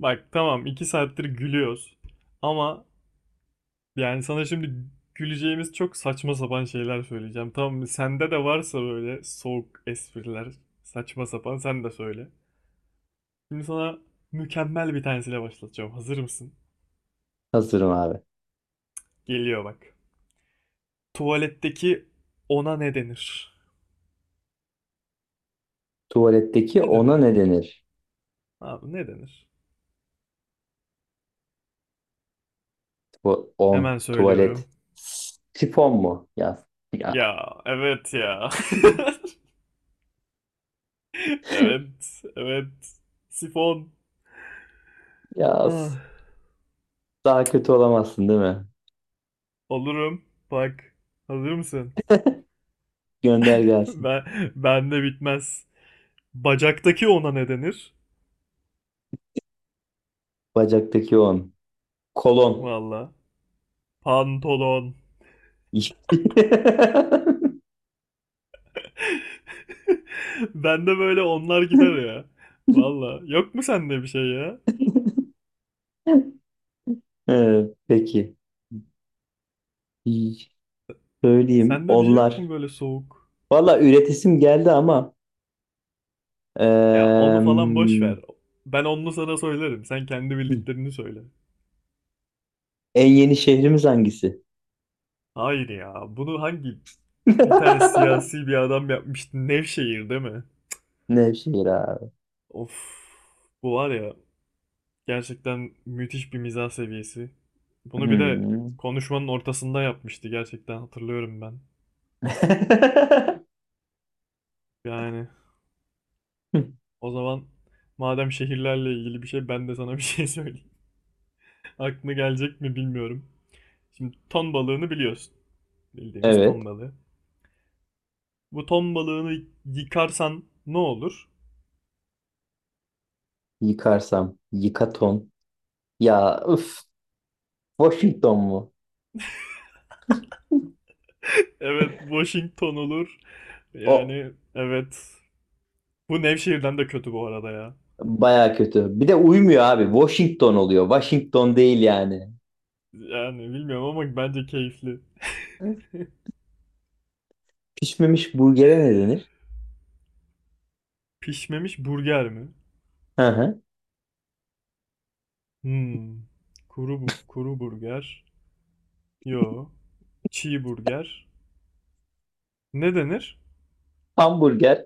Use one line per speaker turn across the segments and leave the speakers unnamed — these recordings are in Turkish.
Bak tamam 2 saattir gülüyoruz. Ama yani sana şimdi güleceğimiz çok saçma sapan şeyler söyleyeceğim. Tamam mı? Sende de varsa böyle soğuk espriler, saçma sapan sen de söyle. Şimdi sana mükemmel bir tanesiyle başlatacağım. Hazır mısın?
Hazırım abi.
Geliyor bak. Tuvaletteki ona ne denir?
Tuvaletteki
Ne denir
ona ne
abi?
denir?
Abi ne denir?
Bu on,
Hemen
tuvalet.
söylüyorum.
Sifon mu? Ya,
Ya evet ya. Evet, evet. Sifon.
ya,
Ah.
daha kötü olamazsın değil mi?
Olurum. Bak. Hazır mısın?
Gönder gelsin.
Ben bende bitmez. Bacaktaki ona ne denir?
Bacaktaki on. Kolon.
Valla. Pantolon. Bende böyle onlar gider ya. Valla. Yok mu sende bir şey ya?
Evet, peki. İyi, söyleyeyim.
Sende bir şey yok mu
Onlar.
böyle soğuk?
Valla üretisim geldi ama
Ya onu falan boş
em,
ver. Ben onu sana söylerim. Sen kendi bildiklerini söyle.
en yeni şehrimiz hangisi?
Hayır ya. Bunu hangi bir tane siyasi bir adam yapmıştı? Nevşehir değil mi?
Nevşehir abi.
Of. Bu var ya. Gerçekten müthiş bir mizah seviyesi. Bunu bir de
Hmm.
konuşmanın ortasında yapmıştı gerçekten hatırlıyorum ben. Yani o zaman madem şehirlerle ilgili bir şey ben de sana bir şey söyleyeyim. Aklına gelecek mi bilmiyorum. Şimdi ton balığını biliyorsun. Bildiğimiz
Evet.
ton balığı. Bu ton balığını yıkarsan ne olur?
Yıkarsam. Yıkaton. Ya üf. Washington mu?
Evet, Washington olur.
O
Yani evet. Bu Nevşehir'den de kötü bu arada ya.
baya kötü. Bir de uymuyor abi. Washington oluyor. Washington değil yani.
Yani bilmiyorum ama bence keyifli.
Pişmemiş burgere ne denir?
Pişmemiş burger mi?
Hı hı.
Hmm. Kuru bu kuru burger. Yo. Çiğ burger. Ne denir?
Hamburger.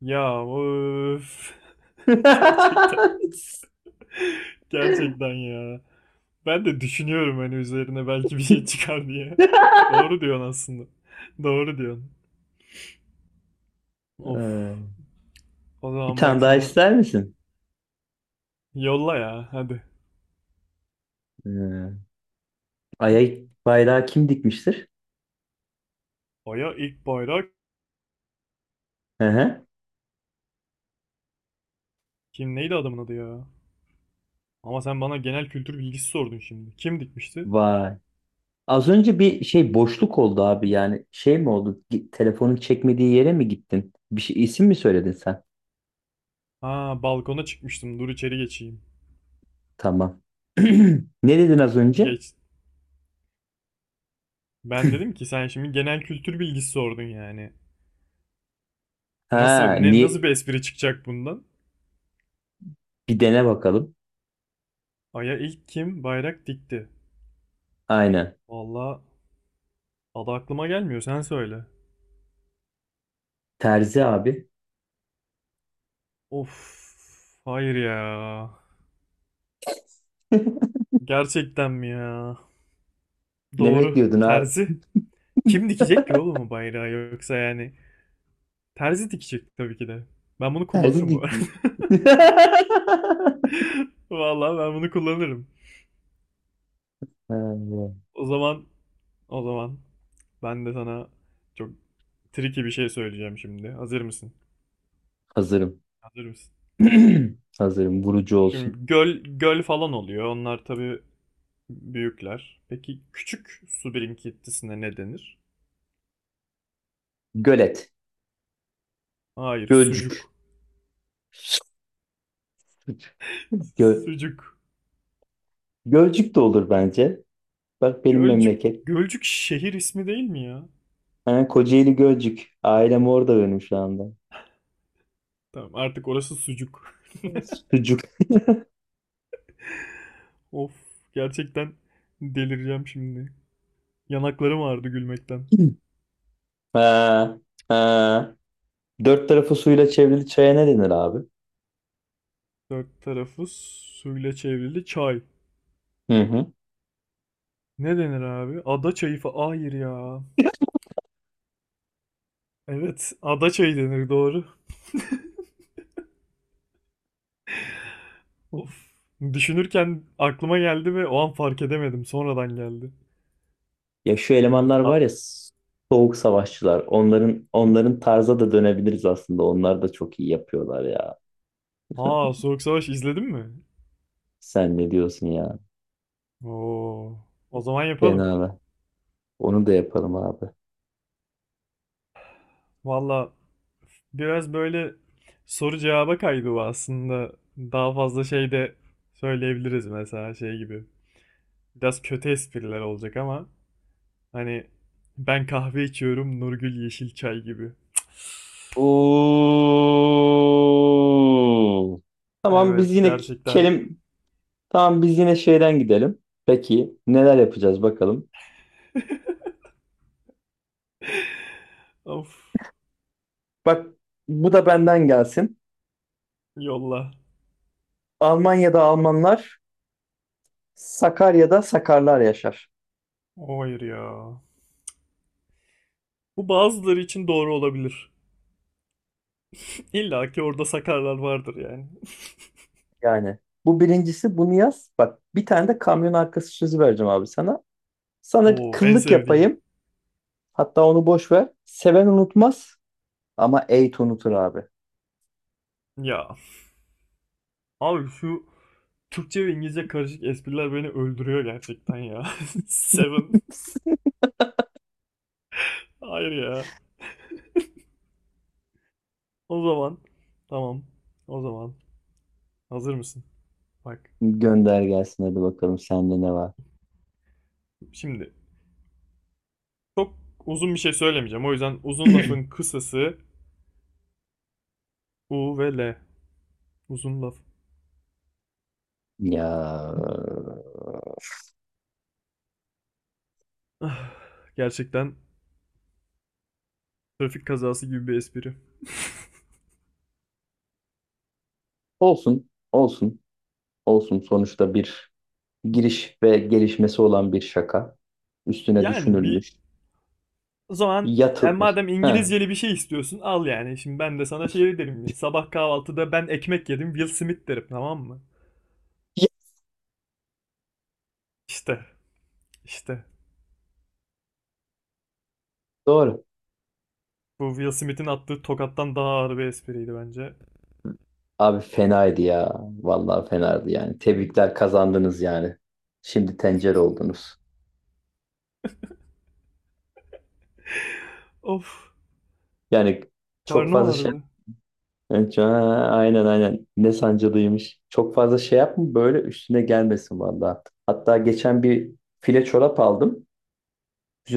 Ya öf. Gerçekten. Gerçekten ya. Ben de düşünüyorum hani üzerine belki bir şey çıkar diye. Doğru diyorsun aslında. Doğru diyorsun. Of.
Ee,
O
bir
zaman
tane
bak
daha
sana
ister misin?
yolla ya hadi.
Ee, Ay'a bayrağı kim dikmiştir?
Aya ilk bayrak
Hı hı.
kim neydi adamın adı ya? Ama sen bana genel kültür bilgisi sordun şimdi. Kim dikmişti?
Vay. Az önce bir şey boşluk oldu abi, yani şey mi oldu? Telefonun çekmediği yere mi gittin? Bir şey isim mi söyledin sen?
Ha, balkona çıkmıştım. Dur içeri geçeyim.
Tamam. Ne dedin az önce?
Geç. Ben dedim ki sen şimdi genel kültür bilgisi sordun yani. Nasıl
Ha,
ne nasıl
niye?
bir espri çıkacak bundan?
Bir dene bakalım.
Ay'a ilk kim bayrak dikti?
Aynen.
Vallahi adı aklıma gelmiyor sen söyle.
Terzi abi.
Of, hayır ya. Gerçekten mi ya?
Ne
Doğru.
bekliyordun abi?
Terzi. Kim dikecek ki oğlum o bayrağı yoksa yani? Terzi dikecek tabii ki de. Ben bunu
Terzi
kullanırım bu
dik
arada.
mi?
Vallahi ben bunu kullanırım.
Ha,
O zaman o zaman ben de sana çok tricky bir şey söyleyeceğim şimdi. Hazır mısın?
hazırım.
Hazır mısın?
Hazırım. Vurucu olsun.
Şimdi göl göl falan oluyor. Onlar tabii büyükler. Peki küçük su birikintisine ne denir?
Gölet.
Hayır,
Gölcük.
sucuk.
Gö
Sucuk.
Gölcük de olur bence. Bak benim
Gölcük
memleket.
Gölcük şehir ismi değil mi ya?
Ha, Kocaeli Gölcük. Ailem orada benim şu anda.
Tamam, artık orası sucuk.
Sucuk.
Of, gerçekten delireceğim şimdi. Yanaklarım ağrıdı gülmekten.
Ha, ha. Dört tarafı suyla çevrili çaya ne denir abi?
Dört tarafı suyla çevrili çay.
Hı hı.
Ne denir abi? Ada çayı fa... Hayır ya. Evet, ada çayı denir doğru. Of. Düşünürken aklıma geldi ve o an fark edemedim. Sonradan geldi.
Ya şu
Evet.
elemanlar var
A
ya, soğuk savaşçılar. Onların tarza da dönebiliriz aslında. Onlar da çok iyi yapıyorlar ya.
Soğuk Savaş izledin mi?
Sen ne diyorsun ya?
Oo. O zaman yapalım.
Fena mı? Onu da yapalım abi.
Valla biraz böyle soru cevaba kaydı bu aslında. Daha fazla şey de söyleyebiliriz mesela şey gibi. Biraz kötü espriler olacak ama hani ben kahve içiyorum Nurgül yeşil çay gibi.
Oo. Tamam biz
Evet
yine
gerçekten.
kelim tamam, biz yine şeyden gidelim. Peki neler yapacağız bakalım.
Of,
Bak, bu da benden gelsin.
yolla.
Almanya'da Almanlar, Sakarya'da Sakarlar yaşar.
Hayır ya. Bu bazıları için doğru olabilir. İlla ki orada sakarlar vardır yani.
Yani bu birincisi, bunu yaz. Bak, bir tane de kamyon arkası sözü vereceğim abi sana. Sana bir
Oo en
kıllık
sevdiğim.
yapayım. Hatta onu boş ver. Seven unutmaz ama eğit unutur abi.
Ya abi şu Türkçe ve İngilizce karışık espriler beni öldürüyor gerçekten ya. Seven. Hayır ya. O zaman tamam. O zaman hazır mısın? Bak
Gönder gelsin hadi bakalım, sende ne var?
şimdi çok uzun bir şey söylemeyeceğim. O yüzden uzun lafın kısası U ve L. Uzun laf.
Ya
Gerçekten trafik kazası gibi bir espri.
olsun, olsun, olsun. Sonuçta bir giriş ve gelişmesi olan bir şaka. Üstüne
Yani bir
düşünülmüş,
o zaman yani
yatılmış.
madem
Heh.
İngilizceli bir şey istiyorsun al yani. Şimdi ben de sana şey derim. Ya, sabah kahvaltıda ben ekmek yedim Will Smith derim tamam mı?
Ya,
İşte işte.
doğru.
Bu Will Smith'in attığı tokattan daha ağır bir espriydi bence.
Abi fenaydı ya. Vallahi fenaydı yani. Tebrikler, kazandınız yani. Şimdi tencere oldunuz.
Of,
Yani çok
karnım
fazla şey...
ağrıdı.
Evet, ha, aynen aynen. Ne sancılıymış. Çok fazla şey yapma, böyle üstüne gelmesin vallahi. Hatta geçen bir file çorap aldım.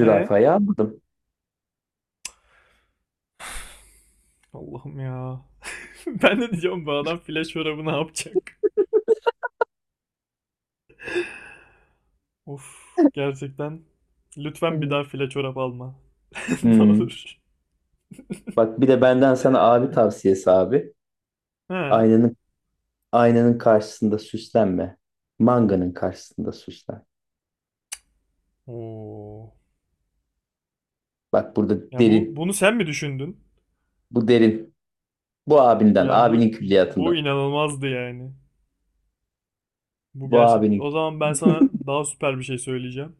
E,
aldım.
Allah'ım ya. Ben de diyeceğim bu adam file çorabı ne yapacak? Of, gerçekten. Lütfen bir
Hı.
daha file çorap alma. Ne
Hmm.
olur.
Bak, bir de benden sana abi tavsiyesi abi.
He.
Aynanın aynanın karşısında süslenme. Manganın karşısında süslen.
Oo.
Bak, burada
Ya
derin.
bunu sen mi düşündün?
Bu derin. Bu abinden,
Ya bu
abinin
bu
külliyatından.
inanılmazdı yani. Bu
Bu
gerçek.
abinin.
O zaman ben sana daha süper bir şey söyleyeceğim.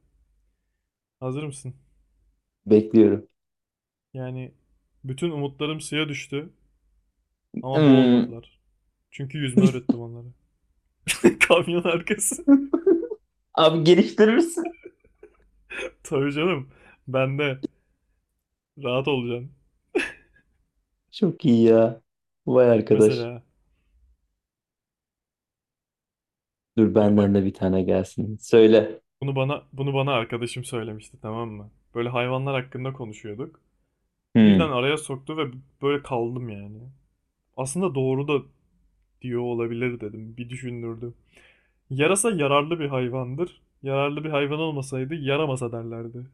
Hazır mısın?
Bekliyorum.
Yani bütün umutlarım suya düştü ama
Hmm.
boğulmadılar. Çünkü yüzme öğrettim onlara. Kamyon arkası.
Abi geliştirirsin.
Tabii canım. Ben de rahat olacaksın.
Çok iyi ya. Vay arkadaş.
Mesela
Dur,
ya
benden de
bak
bir tane gelsin. Söyle.
bunu bana arkadaşım söylemişti tamam mı? Böyle hayvanlar hakkında konuşuyorduk. Birden
Hmm.
araya soktu ve böyle kaldım yani. Aslında doğru da diyor olabilir dedim. Bir düşündürdü. Yarasa yararlı bir hayvandır. Yararlı bir hayvan olmasaydı yaramasa derlerdi.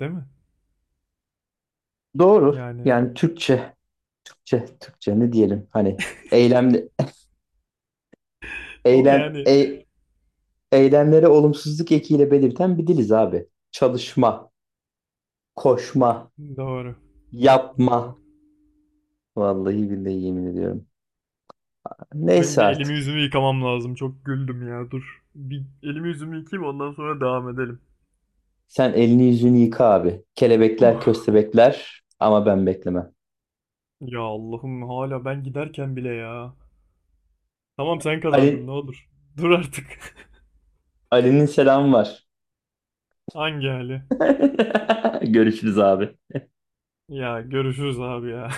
Değil mi?
Doğru.
Yani.
Yani Türkçe, Türkçe ne diyelim? Hani eylemli,
Ama
eylem,
yani
e eylemlere olumsuzluk ekiyle belirten bir diliz abi. Çalışma, koşma,
doğru.
yapma.
Doğru.
Vallahi billahi yemin ediyorum.
Benim
Neyse
bir elimi
artık.
yüzümü yıkamam lazım. Çok güldüm ya. Dur. Bir elimi yüzümü yıkayayım ondan sonra devam edelim.
Sen elini yüzünü yıka abi. Kelebekler,
Oh.
köstebekler ama ben beklemem.
Ya Allah'ım hala ben giderken bile ya. Tamam sen kazandın ne
Ali,
olur. Dur artık.
Ali'nin selamı var.
Hangi hali?
Görüşürüz abi.
Ya görüşürüz abi ya.